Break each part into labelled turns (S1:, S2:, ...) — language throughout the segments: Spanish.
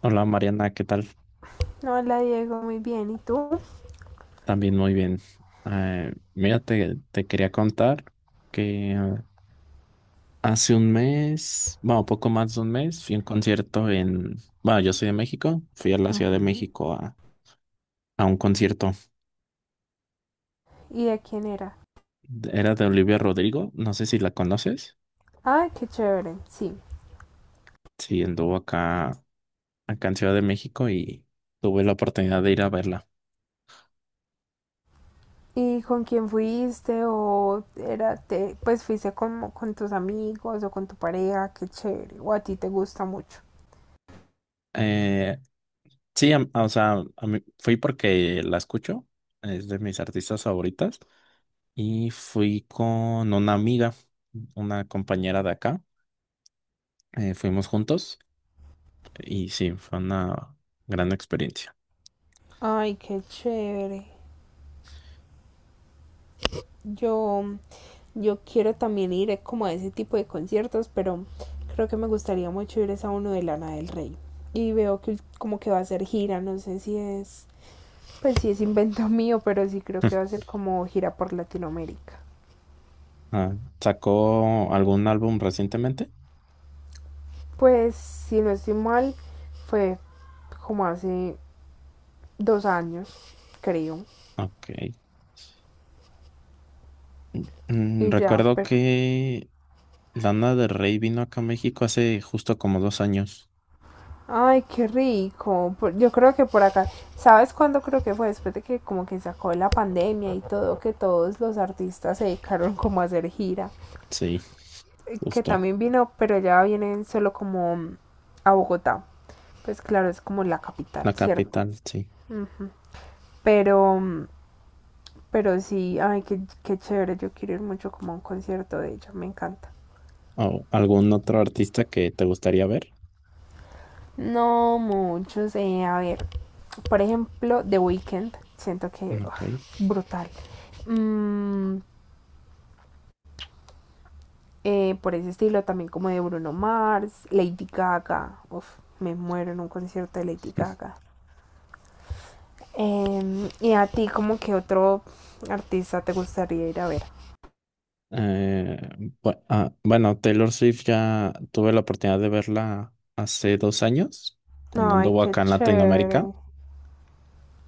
S1: Hola Mariana, ¿qué tal?
S2: Hola Diego, muy bien. ¿Y tú?
S1: También muy bien. Mira, te quería contar que hace un mes, bueno, poco más de un mes, fui a un concierto en, bueno, yo soy de México, fui a la Ciudad de
S2: Ujú.
S1: México a un concierto.
S2: ¿Y de quién era?
S1: Era de Olivia Rodrigo, no sé si la conoces.
S2: Ah, qué chévere, sí.
S1: Sí, anduvo acá, acá en Ciudad de México y tuve la oportunidad de ir a verla.
S2: ¿Y con quién fuiste? ¿O era te, pues fuiste como con tus amigos o con tu pareja? Qué chévere. ¿O a ti te gusta mucho?
S1: Eh, sí, fui porque la escucho, es de mis artistas favoritas. Y fui con una amiga, una compañera de acá. Fuimos juntos y sí, fue una gran experiencia.
S2: Ay, qué chévere. Yo, yo quiero también ir como a ese tipo de conciertos, pero creo que me gustaría mucho ir es a uno de Lana del Rey. Y veo que como que va a hacer gira, no sé si es. Pues sí, es invento mío, pero sí creo que va a ser como gira por Latinoamérica.
S1: Ah, ¿sacó algún álbum recientemente?
S2: Pues, si no estoy mal, fue como hace dos años, creo.
S1: Ok.
S2: Y ya,
S1: Recuerdo
S2: pero...
S1: que Lana del Rey vino acá a México hace justo como 2 años.
S2: Ay, qué rico. Por... Yo creo que por acá... ¿Sabes cuándo creo que fue? Después de que como que sacó la pandemia y todo, que todos los artistas se dedicaron como a hacer gira.
S1: Sí,
S2: Que
S1: justo.
S2: también vino, pero ya vienen solo como a Bogotá. Pues claro, es como la capital,
S1: La
S2: ¿cierto?
S1: capital, sí.
S2: Mm, Pero pero sí, ay, qué, qué chévere, yo quiero ir mucho como a un concierto de ella, me encanta.
S1: ¿O algún otro artista que te gustaría ver?
S2: No muchos, a ver, por ejemplo, The Weeknd, siento que
S1: Ok.
S2: uf, brutal. Mm, por ese estilo también como de Bruno Mars, Lady Gaga, uf, me muero en un concierto de Lady Gaga. Y a ti, como que otro artista te gustaría ir a ver.
S1: Eh, bueno, Taylor Swift ya tuve la oportunidad de verla hace 2 años, cuando
S2: Ay,
S1: anduvo
S2: qué
S1: acá en Latinoamérica.
S2: chévere.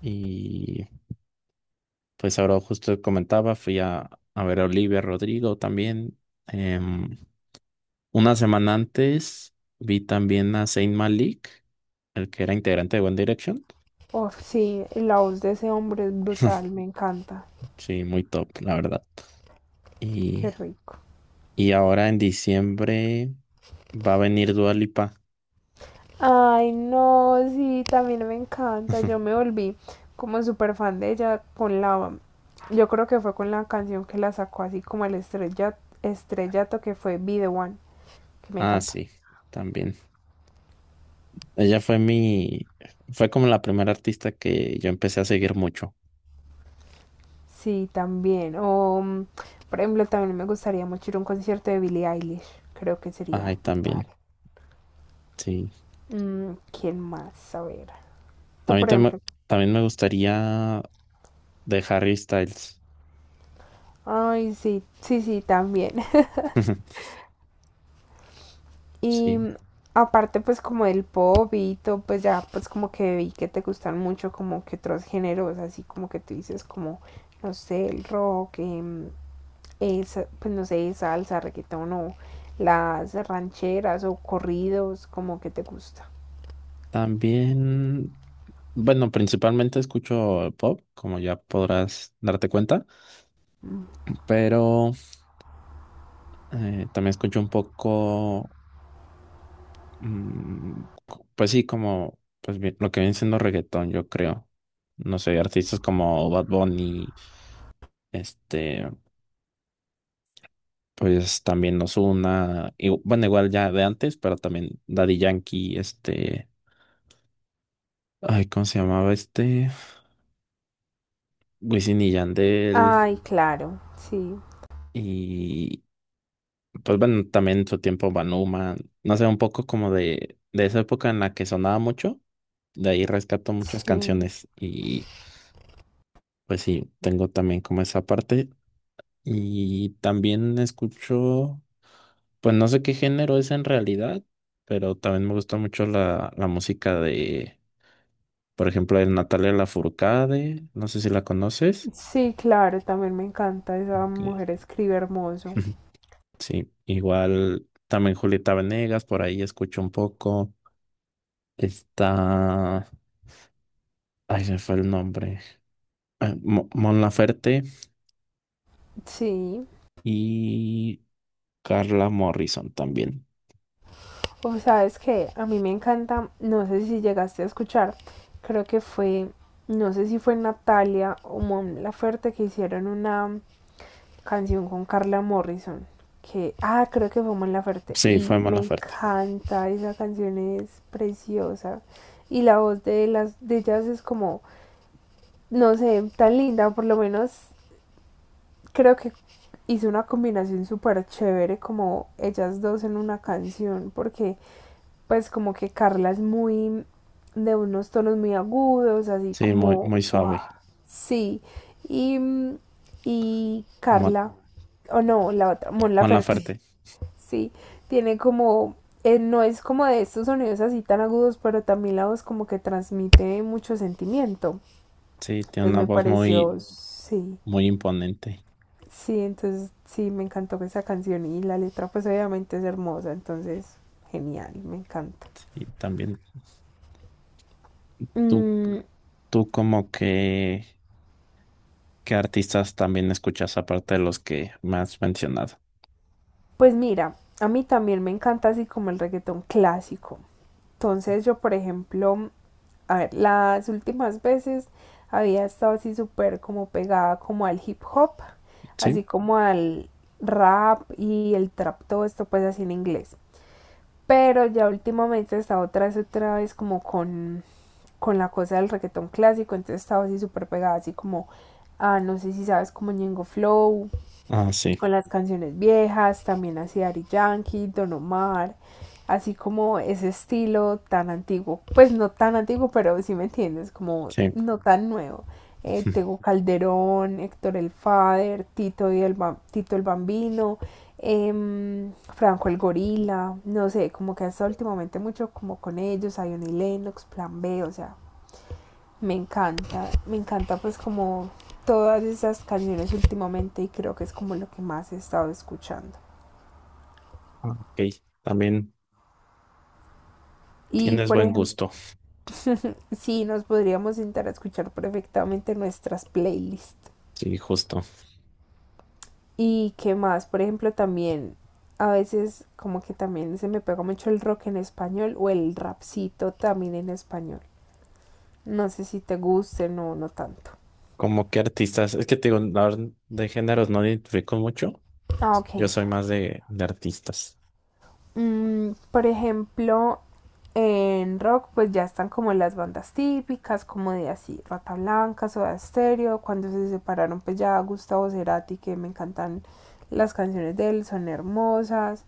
S1: Y pues ahora justo comentaba, fui a ver a Olivia Rodrigo también. Em, una semana antes vi también a Zayn Malik, el que era integrante de One Direction.
S2: Uf, sí, la voz de ese hombre es brutal, me encanta.
S1: Sí, muy top, la verdad.
S2: Qué
S1: y
S2: rico.
S1: Y ahora en diciembre va a venir Dua Lipa.
S2: Ay, no, sí, también me encanta. Yo me volví como súper fan de ella con la... Yo creo que fue con la canción que la sacó así como el estrella, estrellato que fue Be The One, que me
S1: Ah,
S2: encanta.
S1: sí, también. Ella fue como la primera artista que yo empecé a seguir mucho.
S2: Sí, también. O, por ejemplo, también me gustaría mucho ir a un concierto de Billie Eilish. Creo que sería
S1: Ay,
S2: brutal.
S1: también, sí.
S2: Mm, ¿Quién más? A ver.
S1: A
S2: Tú, por ejemplo.
S1: también me gustaría de Harry Styles.
S2: Ay, sí, sí, sí, también. Y
S1: Sí.
S2: aparte pues como del pop y todo, pues ya pues como que vi que te gustan mucho como que otros géneros, así como que tú dices como, no sé, el rock, esa, pues no sé, salsa, reggaetón o las rancheras o corridos, como que te gusta.
S1: También, bueno, principalmente escucho pop, como ya podrás darte cuenta, pero también escucho un poco. Pues sí, como pues lo que viene siendo reggaetón, yo creo. No sé, artistas como Bad Bunny, este, pues también Ozuna, y bueno, igual ya de antes, pero también Daddy Yankee, ay, ¿cómo se llamaba este? Wisin y Yandel,
S2: Ay, claro, sí,
S1: y pues bueno, también en su tiempo Banuma, no sé, un poco como de esa época en la que sonaba mucho, de ahí rescato muchas
S2: sí,
S1: canciones y pues sí, tengo también como esa parte. Y también escucho, pues no sé qué género es en realidad, pero también me gusta mucho la música de, por ejemplo, de Natalia Lafourcade, no sé si la conoces.
S2: sí, claro, también me encanta, esa
S1: Ok.
S2: mujer escribe hermoso,
S1: Sí, igual también Julieta Venegas, por ahí escucho un poco. Está, ay, se me fue el nombre. Mon Laferte
S2: sí.
S1: y Carla Morrison también.
S2: O sabes que a mí me encanta, no sé si llegaste a escuchar, creo que fue, no sé si fue Natalia o Mon Laferte que hicieron una canción con Carla Morrison, que, ah, creo que fue Mon Laferte,
S1: Sí,
S2: y
S1: fue Mon
S2: me
S1: Laferte.
S2: encanta, esa canción es preciosa, y la voz de, las, de ellas es como, no sé, tan linda, por lo menos creo que hizo una combinación súper chévere como ellas dos en una canción, porque pues como que Carla es muy de unos tonos muy agudos, así
S1: Sí, muy,
S2: como,
S1: muy
S2: wow,
S1: suave.
S2: sí. Y, y
S1: Mon,
S2: Carla, o no, la otra, Mon
S1: Mon
S2: Laferte,
S1: Laferte.
S2: sí, tiene como, no es como de estos sonidos así tan agudos, pero también la voz como que transmite mucho sentimiento.
S1: Sí, tiene
S2: Entonces
S1: una
S2: me
S1: voz muy,
S2: pareció, sí,
S1: muy imponente.
S2: sí, entonces sí, me encantó esa canción y la letra pues obviamente es hermosa, entonces genial, me encanta.
S1: Y también tú,
S2: Mm,
S1: tú como que, ¿qué artistas también escuchas aparte de los que me has mencionado?
S2: Pues mira, a mí también me encanta así como el reggaetón clásico. Entonces yo, por ejemplo, a ver, las últimas veces había estado así súper como pegada como al hip hop, así
S1: Sí.
S2: como al rap y el trap, todo esto pues así en inglés. Pero ya últimamente he estado otra vez como con la cosa del reggaetón clásico, entonces estaba así súper pegada, así como, ah, no sé si sabes como Ñengo Flow,
S1: Ah, sí,
S2: con las canciones viejas, también así Ari Yankee, Don Omar, así como ese estilo tan antiguo, pues no tan antiguo, pero sí me entiendes, como
S1: sí.
S2: no tan nuevo. Tego Calderón, Héctor el Father Tito, y el, Tito el Bambino, Franco el Gorila, no sé, como que hasta últimamente mucho como con ellos, Ion y Lennox, Plan B, o sea, me encanta pues como todas esas canciones últimamente y creo que es como lo que más he estado escuchando.
S1: Ah, ok. También
S2: Y
S1: tienes
S2: por
S1: buen
S2: ejemplo,
S1: gusto.
S2: sí, nos podríamos sentar a escuchar perfectamente nuestras playlists.
S1: Sí, justo.
S2: Y qué más, por ejemplo, también a veces como que también se me pega mucho el rock en español o el rapcito también en español. No sé si te guste no tanto.
S1: ¿Como qué artistas? Es que te digo, la verdad, de géneros no identifico mucho.
S2: Ah, ok.
S1: Yo soy más de artistas.
S2: Mm, por ejemplo, en rock pues ya están como las bandas típicas, como de así, Rata Blanca, Soda Stereo, cuando se separaron pues ya Gustavo Cerati, que me encantan las canciones de él, son hermosas.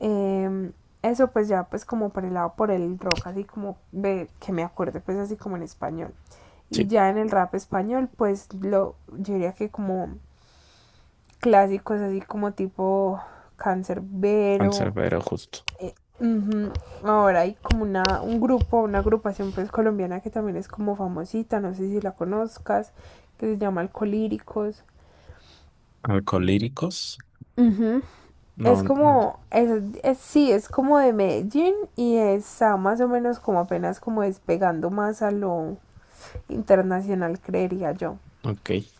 S2: Eh, eso pues ya pues como por el lado por el rock, así como de, que me acuerde pues así como en español. Y
S1: Sí,
S2: ya en el rap español pues lo, yo diría que como clásicos así como tipo Cancerbero,
S1: Canserbero, justo.
S2: eh, ujú. Ahora hay como una, un grupo, una agrupación pues colombiana que también es como famosita, no sé si la conozcas, que se llama Alcolíricos.
S1: Alcolíricos.
S2: Ujú. Es
S1: No, no,
S2: como, es, sí, es como de Medellín y está más o menos como apenas como despegando más a lo internacional, creería yo.
S1: ok.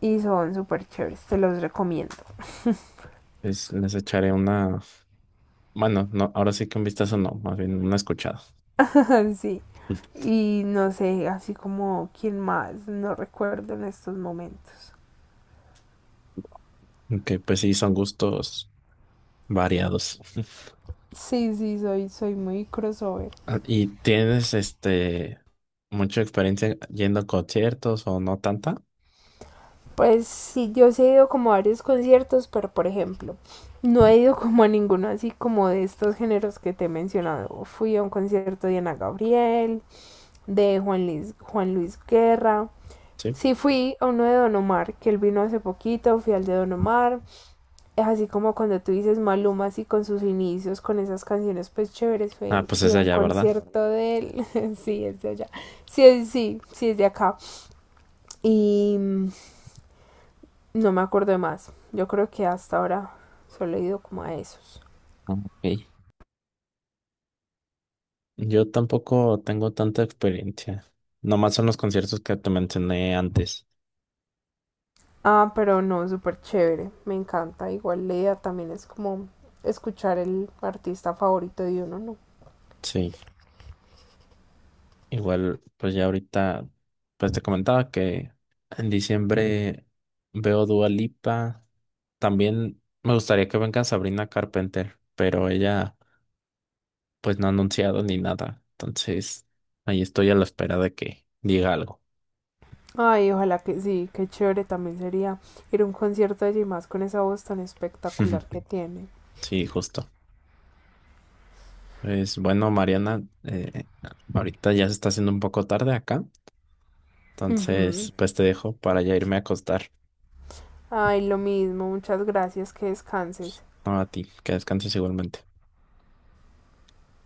S2: Y son súper chéveres, te los recomiendo.
S1: Les echaré una. Bueno, no, ahora sí que un vistazo no, más bien una escuchada.
S2: Sí. Y no sé, así como quién más, no recuerdo en estos momentos.
S1: Que pues sí, son gustos variados.
S2: Sí, sí, soy muy crossover.
S1: Ah, ¿y tienes mucha experiencia yendo a conciertos o no tanta?
S2: Pues sí, yo sí he ido como a varios conciertos, pero por ejemplo, no he ido como a ninguno así como de estos géneros que te he mencionado. Fui a un concierto de Ana Gabriel, de Juan Luis, Juan Luis Guerra.
S1: Sí.
S2: Sí fui a uno de Don Omar, que él vino hace poquito, fui al de Don Omar. Es así como cuando tú dices Maluma, así con sus inicios, con esas canciones pues chéveres,
S1: Ah, pues
S2: fui
S1: es
S2: a un
S1: allá, ¿verdad?
S2: concierto de él. Sí, es de allá. Sí, es, sí, sí, es de acá. Y no me acuerdo de más. Yo creo que hasta ahora solo he ido como a esos.
S1: Ok. Yo tampoco tengo tanta experiencia. Nomás son los conciertos que te mencioné antes.
S2: Ah, pero no, súper chévere. Me encanta. Igual Lea también es como escuchar el artista favorito de uno, ¿no?
S1: Sí. Igual, pues ya ahorita, pues te comentaba que en diciembre veo Dua Lipa. También me gustaría que venga Sabrina Carpenter, pero ella pues no ha anunciado ni nada. Entonces, ahí estoy a la espera de que diga algo.
S2: Ay, ojalá que sí, qué chévere también sería ir a un concierto allí más con esa voz tan espectacular que tiene.
S1: Sí, justo. Pues bueno, Mariana, ahorita ya se está haciendo un poco tarde acá. Entonces, pues te dejo para ya irme a acostar.
S2: Ay, lo mismo, muchas gracias, que descanses.
S1: No a ti, que descanses igualmente.